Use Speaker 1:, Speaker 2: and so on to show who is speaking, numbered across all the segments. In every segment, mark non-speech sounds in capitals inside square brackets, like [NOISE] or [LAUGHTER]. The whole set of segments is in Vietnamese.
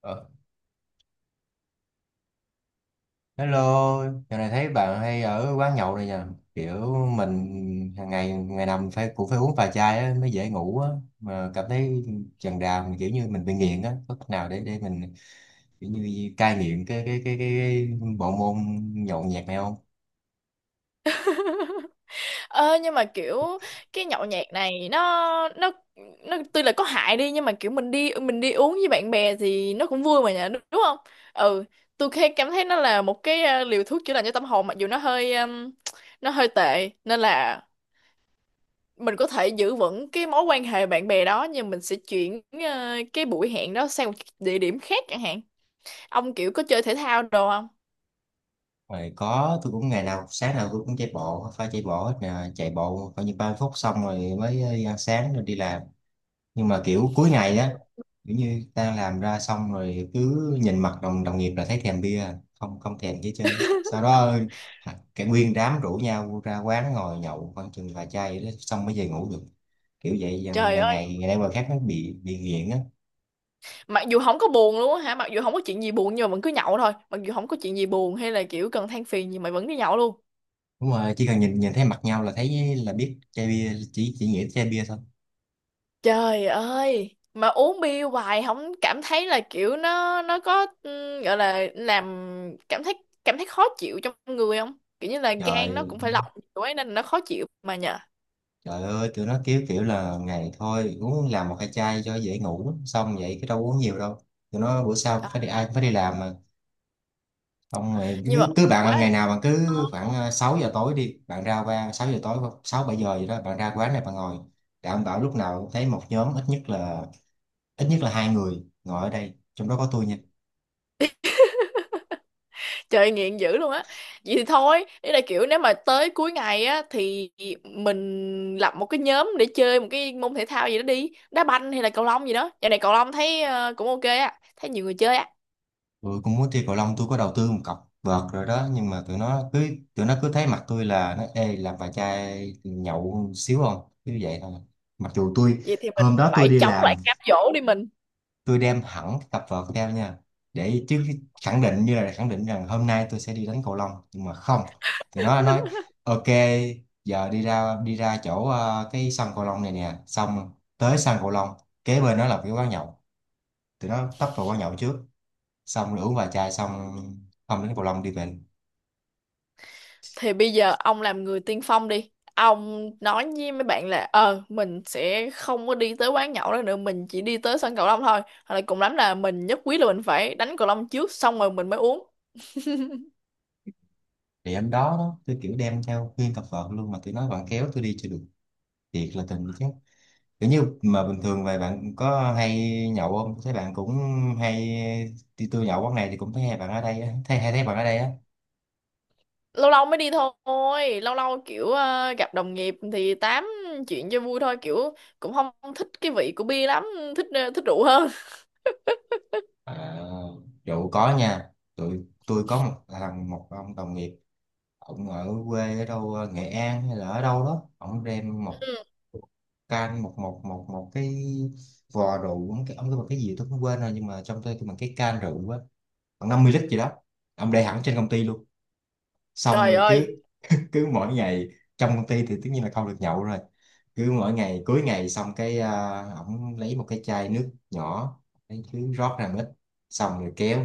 Speaker 1: Ờ, Hello, giờ này thấy bạn hay ở quán nhậu này nha. Kiểu mình hàng ngày ngày nằm phải cũng phải uống vài chai á, mới dễ ngủ á. Mà cảm thấy chần đà mình kiểu như mình bị nghiện á. Có cách nào để mình kiểu như cai nghiện cái bộ môn nhậu nhẹt này không?
Speaker 2: Ơ nhưng mà kiểu cái nhậu nhẹt này nó nó tuy là có hại đi nhưng mà kiểu mình đi uống với bạn bè thì nó cũng vui mà nhỉ, đúng đúng không? Ừ, tôi khi cảm thấy nó là một cái liều thuốc chữa lành cho tâm hồn, mặc dù nó hơi tệ, nên là mình có thể giữ vững cái mối quan hệ bạn bè đó, nhưng mình sẽ chuyển cái buổi hẹn đó sang một địa điểm khác chẳng hạn. Ông kiểu có chơi thể thao đồ không?
Speaker 1: Rồi có, tôi cũng ngày nào sáng nào tôi cũng chạy bộ, phải chạy bộ hết nè, chạy bộ coi như 3 phút xong rồi mới ăn sáng rồi đi làm. Nhưng mà kiểu cuối ngày á, kiểu như ta làm ra xong rồi cứ nhìn mặt đồng đồng nghiệp là thấy thèm bia, không không thèm chứ chứ sau đó hả, cả nguyên đám rủ nhau ra quán ngồi nhậu khoảng chừng vài chai vậy đó, xong mới về ngủ được, kiểu vậy
Speaker 2: Trời
Speaker 1: ngày
Speaker 2: ơi,
Speaker 1: ngày ngày nay qua khác nó bị nghiện á.
Speaker 2: mặc dù không có buồn luôn á hả, mặc dù không có chuyện gì buồn nhưng mà vẫn cứ nhậu thôi, mặc dù không có chuyện gì buồn hay là kiểu cần than phiền gì mày vẫn đi nhậu luôn.
Speaker 1: Đúng rồi, chỉ cần nhìn nhìn thấy mặt nhau là thấy là biết chai bia, chỉ nghĩ tới chai bia thôi.
Speaker 2: Trời ơi, mà uống bia hoài không cảm thấy là kiểu nó có ừ, gọi là làm cảm thấy cảm thấy khó chịu trong người không, kiểu như là gan nó
Speaker 1: Trời,
Speaker 2: cũng phải lọc kiểu ấy nên là nó khó chịu mà nhờ.
Speaker 1: trời ơi tụi nó kiểu kiểu là ngày thôi uống làm một hai chai cho dễ ngủ, xong vậy cái đâu uống nhiều đâu. Tụi nó bữa sau phải đi, ai cũng phải đi làm mà. Không, mày
Speaker 2: Nhưng mà
Speaker 1: cứ bạn
Speaker 2: quá.
Speaker 1: ngày nào bạn cứ khoảng 6 giờ tối đi, bạn ra qua 6 giờ tối, 6 7 giờ gì đó bạn ra quán này bạn ngồi, đảm bảo lúc nào cũng thấy một nhóm ít nhất là hai người ngồi ở đây, trong đó có tôi nha.
Speaker 2: Trời nghiện dữ luôn á. Vậy thì thôi, ý là kiểu nếu mà tới cuối ngày á thì mình lập một cái nhóm để chơi một cái môn thể thao gì đó đi, đá banh hay là cầu lông gì đó. Giờ này cầu lông thấy cũng ok á, thấy nhiều người chơi á.
Speaker 1: Tôi cũng muốn chơi cầu lông, tôi có đầu tư một cọc vợt rồi đó, nhưng mà tụi nó cứ thấy mặt tôi là nó ê, làm vài chai nhậu xíu không, cứ vậy thôi. Mặc dù tôi
Speaker 2: Vậy thì mình
Speaker 1: hôm đó tôi
Speaker 2: phải
Speaker 1: đi
Speaker 2: chống
Speaker 1: làm,
Speaker 2: lại cám dỗ đi mình.
Speaker 1: tôi đem hẳn cái cặp vợt theo nha, để chứ khẳng định như là khẳng định rằng hôm nay tôi sẽ đi đánh cầu lông, nhưng mà không. Thì nó nói ok, giờ đi ra chỗ cái sân cầu lông này nè, xong tới sân cầu lông kế bên nó là cái quán nhậu, tụi nó tấp vào quán nhậu trước, xong rồi uống vài chai xong, không đến cầu lông, đi về.
Speaker 2: Thì bây giờ ông làm người tiên phong đi. Ông nói với mấy bạn là ờ, mình sẽ không có đi tới quán nhậu đó nữa, mình chỉ đi tới sân cầu lông thôi. Hoặc là cùng lắm là mình nhất quyết là mình phải đánh cầu lông trước xong rồi mình mới uống.
Speaker 1: Thì hôm đó đó tôi kiểu đem theo nguyên cặp vợt luôn mà tụi nó vẫn kéo tôi đi, chưa được, thiệt là tình chứ. Kiểu như mà bình thường vậy bạn có hay nhậu không, thấy bạn cũng hay đi, tôi nhậu quán này thì cũng thấy hai bạn ở đây á, thấy hay, thấy bạn ở đây á.
Speaker 2: Lâu lâu mới đi thôi, lâu lâu kiểu gặp đồng nghiệp thì tám chuyện cho vui thôi, kiểu cũng không thích cái vị của bia lắm, thích thích rượu hơn.
Speaker 1: À, rượu có nha, tụi tôi có một thằng, một ông đồng nghiệp, ông ở quê ở đâu Nghệ An hay là ở đâu đó, ông đem một
Speaker 2: Ừ.
Speaker 1: can một một một một cái vò rượu, ông cái một cái gì tôi cũng quên rồi, nhưng mà trong tôi cái bằng cái can rượu á, khoảng 50 lít gì đó, ông để hẳn trên công ty luôn, xong
Speaker 2: Trời
Speaker 1: rồi cứ
Speaker 2: ơi.
Speaker 1: [LAUGHS] cứ mỗi ngày, trong công ty thì tất nhiên là không được nhậu rồi, cứ mỗi ngày cuối ngày xong cái à, ổng lấy một cái chai nước nhỏ, lấy cứ rót ra một ít, xong rồi kéo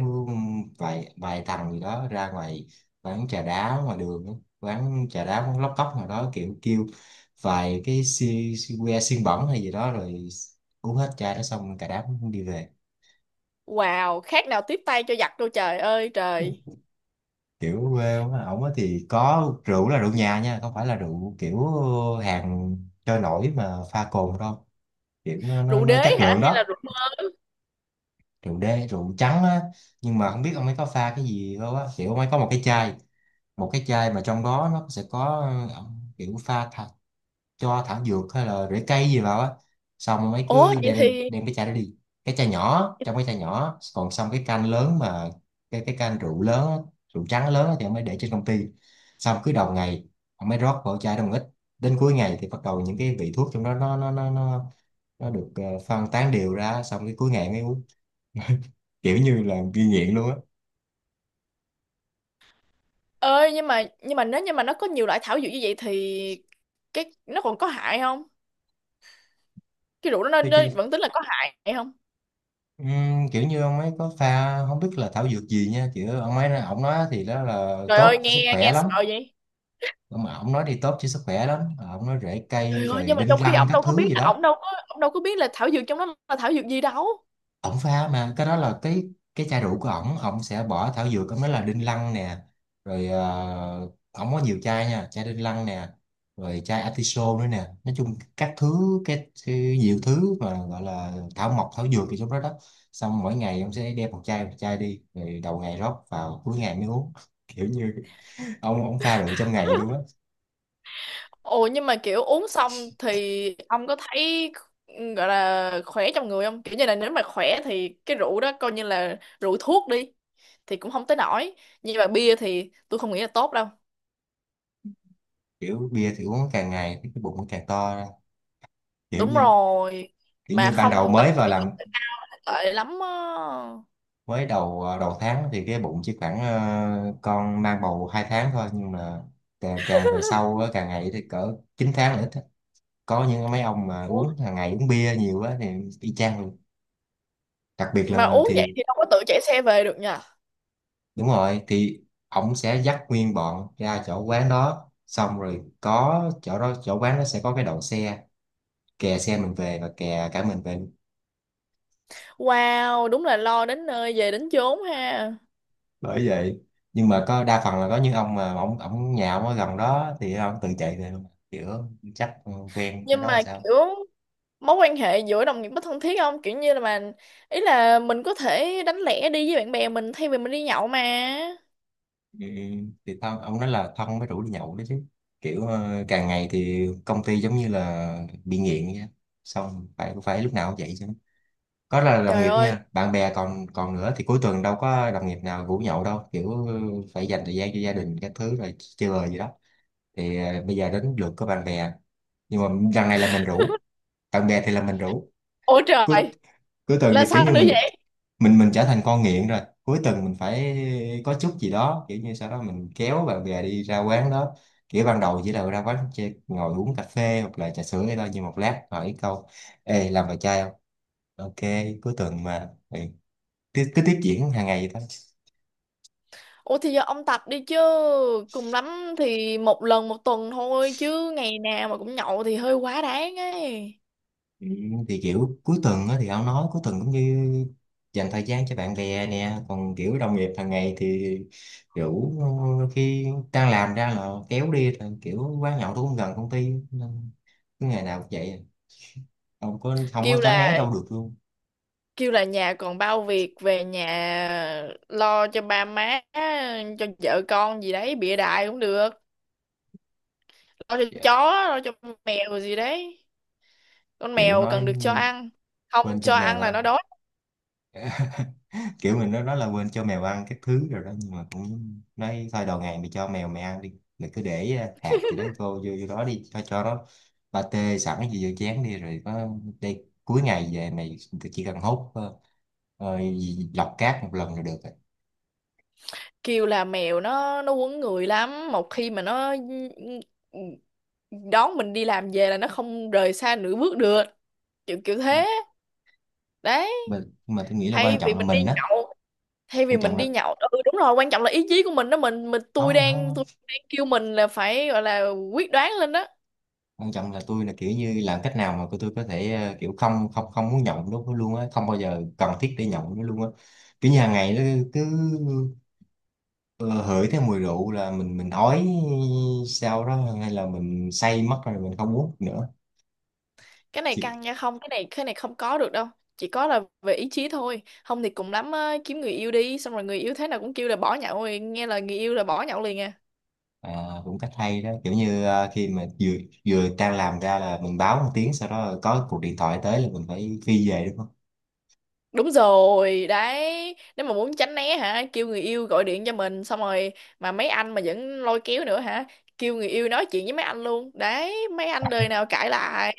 Speaker 1: vài vài thằng gì đó ra ngoài quán trà đá ngoài đường á, quán trà đá, quán lóc cóc nào đó, kiểu kêu vài cái si, si que xiên bẩn hay gì đó rồi uống hết chai đó, xong cả đám đi về.
Speaker 2: Wow, khác nào tiếp tay cho giặc, đâu trời ơi trời.
Speaker 1: Kiểu quê quá ổng á, thì có rượu là rượu nhà nha, không phải là rượu kiểu hàng trôi nổi mà pha cồn đâu, kiểu nó nó,
Speaker 2: Rượu
Speaker 1: nó
Speaker 2: đế
Speaker 1: chất
Speaker 2: hả
Speaker 1: lượng
Speaker 2: hay là
Speaker 1: đó.
Speaker 2: rượu?
Speaker 1: Rượu đê, rượu trắng á, nhưng mà không biết ông ấy có pha cái gì đâu á, kiểu ông ấy có một cái chai, một cái chai mà trong đó nó sẽ có ờ, kiểu pha cho thảo dược hay là rễ cây gì vào á, xong ông ấy
Speaker 2: Ủa
Speaker 1: cứ
Speaker 2: vậy
Speaker 1: đem
Speaker 2: thì.
Speaker 1: đem cái chai đó đi. Cái chai nhỏ, trong cái chai nhỏ còn, xong cái can lớn mà, cái can rượu lớn á, rượu trắng lớn á thì ông ấy để trên công ty, xong cứ đầu ngày ông ấy rót vào chai đó một ít, đến cuối ngày thì bắt đầu những cái vị thuốc trong đó nó nó được phân tán đều ra, xong cái cuối ngày mới uống [LAUGHS] kiểu như là ghi nghiện luôn á.
Speaker 2: Ơi, nhưng mà nếu như mà nó có nhiều loại thảo dược như vậy thì cái nó còn có hại không, cái rượu đó
Speaker 1: Thế
Speaker 2: nó
Speaker 1: chứ
Speaker 2: vẫn tính là có hại không?
Speaker 1: ừm, kiểu như ông ấy có pha không biết là thảo dược gì nha, kiểu ông ấy ông nói thì đó là
Speaker 2: Trời ơi,
Speaker 1: tốt sức
Speaker 2: nghe
Speaker 1: khỏe
Speaker 2: nghe
Speaker 1: lắm.
Speaker 2: sợ vậy.
Speaker 1: Mà ông nói đi tốt cho sức khỏe lắm. Ờ, ông nói rễ cây
Speaker 2: Trời ơi,
Speaker 1: rồi
Speaker 2: nhưng mà
Speaker 1: đinh
Speaker 2: trong khi
Speaker 1: lăng các thứ gì đó,
Speaker 2: ổng đâu có biết là thảo dược trong đó là thảo dược gì đâu.
Speaker 1: ông pha mà cái đó là cái chai rượu của ổng ông sẽ bỏ thảo dược, ổng nói là đinh lăng nè, rồi ổng có nhiều chai nha, chai đinh lăng nè, rồi chai atiso nữa nè, nói chung các thứ cái nhiều thứ mà gọi là thảo mộc thảo dược thì trong đó đó, xong mỗi ngày ông sẽ đem một chai đi rồi đầu ngày rót vào cuối ngày mới uống [LAUGHS] kiểu như ông pha rượu trong ngày luôn á.
Speaker 2: Ồ, nhưng mà kiểu uống xong thì ông có thấy gọi là khỏe trong người không? Kiểu như là nếu mà khỏe thì cái rượu đó coi như là rượu thuốc đi thì cũng không tới nổi. Nhưng mà bia thì tôi không nghĩ là tốt đâu.
Speaker 1: Kiểu bia thì uống càng ngày cái bụng nó càng to, kiểu
Speaker 2: Đúng
Speaker 1: như
Speaker 2: rồi.
Speaker 1: kiểu
Speaker 2: Mà
Speaker 1: như ban đầu
Speaker 2: không tập
Speaker 1: mới
Speaker 2: thể
Speaker 1: vào
Speaker 2: dục
Speaker 1: làm,
Speaker 2: thì nó tệ lắm á.
Speaker 1: mới đầu đầu tháng thì cái bụng chỉ khoảng con mang bầu 2 tháng thôi, nhưng mà càng về sau á, càng ngày thì cỡ 9 tháng nữa, có những mấy ông mà
Speaker 2: Ủa?
Speaker 1: uống hàng ngày uống bia nhiều quá thì y chang luôn, đặc biệt
Speaker 2: Mà
Speaker 1: là
Speaker 2: uống vậy
Speaker 1: thì
Speaker 2: thì đâu có tự chạy xe về được nha.
Speaker 1: đúng rồi thì ổng sẽ dắt nguyên bọn ra chỗ quán đó, xong rồi có chỗ đó chỗ quán nó sẽ có cái đậu xe, kè xe mình về và kè cả mình về.
Speaker 2: Wow, đúng là lo đến nơi về đến chốn ha.
Speaker 1: Bởi vậy, nhưng mà có đa phần là có những ông mà ông nhà ông ở gần đó thì ông tự chạy về mà. Kiểu chắc quen cái
Speaker 2: Nhưng
Speaker 1: đó là
Speaker 2: mà
Speaker 1: sao.
Speaker 2: kiểu mối quan hệ giữa đồng nghiệp có thân thiết không, kiểu như là mà ý là mình có thể đánh lẻ đi với bạn bè mình thay vì mình đi nhậu mà.
Speaker 1: Ừ, thì thân, ông nói là thân mới rủ đi nhậu đó chứ, kiểu càng ngày thì công ty giống như là bị nghiện vậy á. Xong phải phải lúc nào cũng vậy chứ, có là đồng
Speaker 2: Trời
Speaker 1: nghiệp
Speaker 2: ơi.
Speaker 1: nha, bạn bè còn còn nữa, thì cuối tuần đâu có đồng nghiệp nào rủ nhậu đâu, kiểu phải dành thời gian cho gia đình các thứ rồi chơi bời gì đó, thì bây giờ đến lượt của bạn bè. Nhưng mà lần này là mình rủ bạn bè, thì là mình rủ
Speaker 2: Ôi
Speaker 1: cuối
Speaker 2: trời.
Speaker 1: cuối tuần
Speaker 2: Là
Speaker 1: thì kiểu
Speaker 2: sao
Speaker 1: như
Speaker 2: nữa
Speaker 1: mình
Speaker 2: vậy?
Speaker 1: mình trở thành con nghiện rồi, cuối tuần mình phải có chút gì đó kiểu như, sau đó mình kéo bạn bè đi ra quán đó, kiểu ban đầu chỉ là ra quán chơi, ngồi uống cà phê hoặc là trà sữa hay thôi, nhưng một lát hỏi câu ê làm bài chai không, ok cuối tuần mà ừ. Cứ tiếp diễn hàng ngày vậy thôi.
Speaker 2: Ủa thì giờ ông tập đi chứ, cùng lắm thì một lần một tuần thôi chứ ngày nào mà cũng nhậu thì hơi quá đáng ấy.
Speaker 1: Ừ, thì kiểu cuối tuần á, thì ông nói cuối tuần cũng như dành thời gian cho bạn bè nè, còn kiểu đồng nghiệp hàng ngày thì kiểu khi đang làm ra là kéo đi, thì kiểu quán nhậu tôi cũng gần công ty nên cứ ngày nào cũng vậy, không có
Speaker 2: Kêu
Speaker 1: tránh né
Speaker 2: là,
Speaker 1: đâu được luôn.
Speaker 2: kêu là nhà còn bao việc, về nhà lo cho ba má, cho vợ con gì đấy, bịa đại cũng được. Lo cho
Speaker 1: Dạ.
Speaker 2: chó, lo cho mèo gì đấy, con
Speaker 1: Kiểu
Speaker 2: mèo
Speaker 1: nói
Speaker 2: cần được cho ăn,
Speaker 1: quên
Speaker 2: không
Speaker 1: cho
Speaker 2: cho
Speaker 1: mèo
Speaker 2: ăn là nó
Speaker 1: ăn
Speaker 2: đói.
Speaker 1: [LAUGHS] kiểu mình nó nói là quên cho mèo ăn các thứ rồi đó, nhưng mà cũng nói thôi, đầu ngày mày cho mèo mày ăn đi, mày cứ để hạt gì đấy vô vô vô đó đi cho nó, ba tê sẵn gì vô chén đi rồi có đây, cuối ngày về mày chỉ cần hốt lọc cát một lần là được rồi.
Speaker 2: Kêu là mèo nó quấn người lắm, một khi mà nó đón mình đi làm về là nó không rời xa nửa bước được, kiểu kiểu thế đấy.
Speaker 1: Nhưng mà tôi nghĩ là
Speaker 2: Thay
Speaker 1: quan
Speaker 2: vì
Speaker 1: trọng là
Speaker 2: mình đi
Speaker 1: mình á,
Speaker 2: nhậu thay vì
Speaker 1: quan trọng
Speaker 2: mình đi
Speaker 1: là
Speaker 2: nhậu ừ đúng rồi, quan trọng là ý chí của mình đó, mình
Speaker 1: không
Speaker 2: tôi
Speaker 1: không
Speaker 2: đang
Speaker 1: không.
Speaker 2: tôi đang kêu mình là phải gọi là quyết đoán lên đó.
Speaker 1: Quan trọng là tôi là kiểu như làm cách nào mà tôi có thể kiểu không không không muốn nhậu nó luôn á, không bao giờ cần thiết để nhậu nó luôn á, kiểu như hàng ngày nó cứ, ờ, hửi theo mùi rượu là mình ói sau đó, hay là mình say mất rồi mình không uống nữa.
Speaker 2: Cái này
Speaker 1: Chị,
Speaker 2: căng nha, không cái này không có được đâu. Chỉ có là về ý chí thôi, không thì cùng lắm á, kiếm người yêu đi, xong rồi người yêu thế nào cũng kêu là bỏ nhậu, rồi nghe lời người yêu là bỏ nhậu liền à.
Speaker 1: À, cũng cách hay đó, kiểu như à, khi mà vừa vừa đang làm ra là mình báo một tiếng, sau đó có cuộc điện thoại tới là mình phải phi về đúng không.
Speaker 2: Đúng rồi đấy, nếu mà muốn tránh né hả, kêu người yêu gọi điện cho mình xong rồi mà mấy anh mà vẫn lôi kéo nữa hả, kêu người yêu nói chuyện với mấy anh luôn đấy, mấy anh đời nào cãi lại.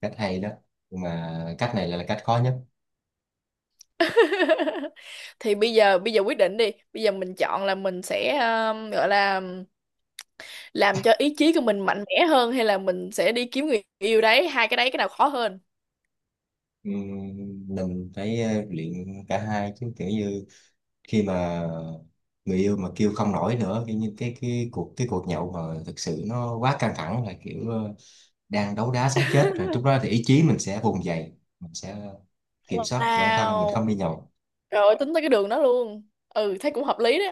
Speaker 1: Cách hay đó, nhưng mà cách này là cách khó nhất.
Speaker 2: [LAUGHS] Thì bây giờ quyết định đi, bây giờ mình chọn là mình sẽ gọi là làm cho ý chí của mình mạnh mẽ hơn, hay là mình sẽ đi kiếm người yêu đấy, hai cái đấy cái nào khó hơn?
Speaker 1: Mình phải luyện cả hai chứ, kiểu như khi mà người yêu mà kêu không nổi nữa, kiểu như cái cuộc nhậu mà thực sự nó quá căng thẳng là kiểu à, đang đấu đá sống chết rồi, lúc đó thì ý chí mình sẽ vùng dậy, mình sẽ kiểm soát của bản thân mình không
Speaker 2: Wow.
Speaker 1: đi nhậu.
Speaker 2: Rồi tính tới cái đường đó luôn. Ừ, thấy cũng hợp lý đó.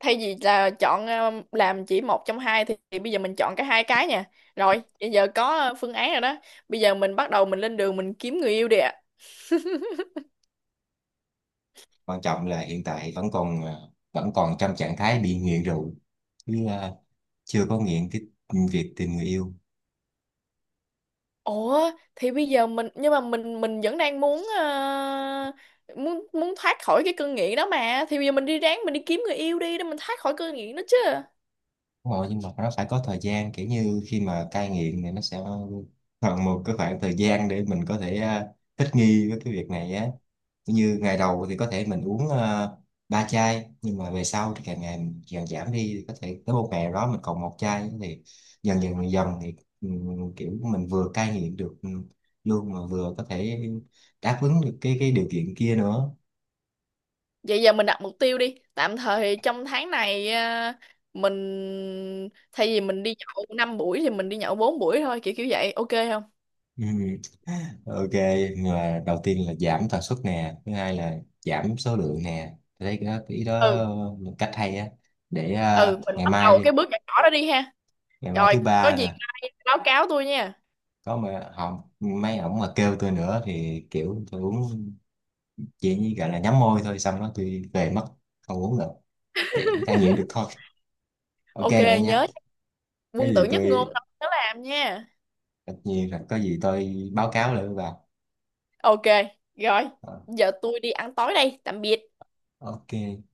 Speaker 2: Thay vì là chọn làm chỉ một trong hai thì bây giờ mình chọn cả hai cái nha. Rồi, bây giờ có phương án rồi đó. Bây giờ mình bắt đầu mình lên đường mình kiếm người yêu đi ạ. [LAUGHS]
Speaker 1: Quan trọng là hiện tại vẫn còn vẫn còn trong trạng thái bị nghiện rượu chứ à, chưa có nghiện cái việc tìm người yêu.
Speaker 2: Ủa thì bây giờ mình, nhưng mà mình vẫn đang muốn muốn muốn thoát khỏi cái cơn nghiện đó mà. Thì bây giờ mình đi, ráng mình đi kiếm người yêu đi để mình thoát khỏi cơn nghiện đó chứ.
Speaker 1: Đúng rồi, nhưng mà nó phải có thời gian, kiểu như khi mà cai nghiện thì nó sẽ cần một cái khoảng thời gian để mình có thể thích nghi với cái việc này á. Kiểu như ngày đầu thì có thể mình uống 3 chai, nhưng mà về sau thì càng ngày mình càng giảm đi, thì có thể tới một ngày nào đó mình còn một chai, thì dần dần dần thì kiểu mình vừa cai nghiện được luôn mà vừa có thể đáp ứng được cái điều kiện kia nữa.
Speaker 2: Vậy giờ mình đặt mục tiêu đi. Tạm thời trong tháng này à, mình thay vì mình đi nhậu 5 buổi thì mình đi nhậu 4 buổi thôi, kiểu kiểu vậy. Ok không?
Speaker 1: [LAUGHS] Ừ. Ok, là đầu tiên là giảm tần suất nè, thứ hai là giảm số lượng nè. Tôi thấy cái ý đó
Speaker 2: Ừ,
Speaker 1: là cách hay á. Để
Speaker 2: ừ,
Speaker 1: à,
Speaker 2: mình
Speaker 1: ngày
Speaker 2: bắt đầu
Speaker 1: mai đi,
Speaker 2: cái bước nhỏ nhỏ đó đi ha.
Speaker 1: ngày mai
Speaker 2: Rồi,
Speaker 1: thứ
Speaker 2: có
Speaker 1: ba
Speaker 2: gì
Speaker 1: nè,
Speaker 2: mai báo cáo tôi nha.
Speaker 1: có mà họ mấy ổng mà kêu tôi nữa thì kiểu tôi uống chỉ như gọi là nhắm môi thôi, xong đó tôi về mất, không uống nữa. Vậy mới cai nghiện được thôi. Ok
Speaker 2: Ok,
Speaker 1: bạn nha.
Speaker 2: nhớ
Speaker 1: Cái
Speaker 2: quân tử
Speaker 1: gì
Speaker 2: nhất ngôn
Speaker 1: tôi
Speaker 2: đó, nhớ làm nha.
Speaker 1: tất nhiên là có gì tôi báo cáo lại với bà.
Speaker 2: Ok, rồi,
Speaker 1: Ờ,
Speaker 2: giờ tôi đi ăn tối đây. Tạm biệt.
Speaker 1: Ok.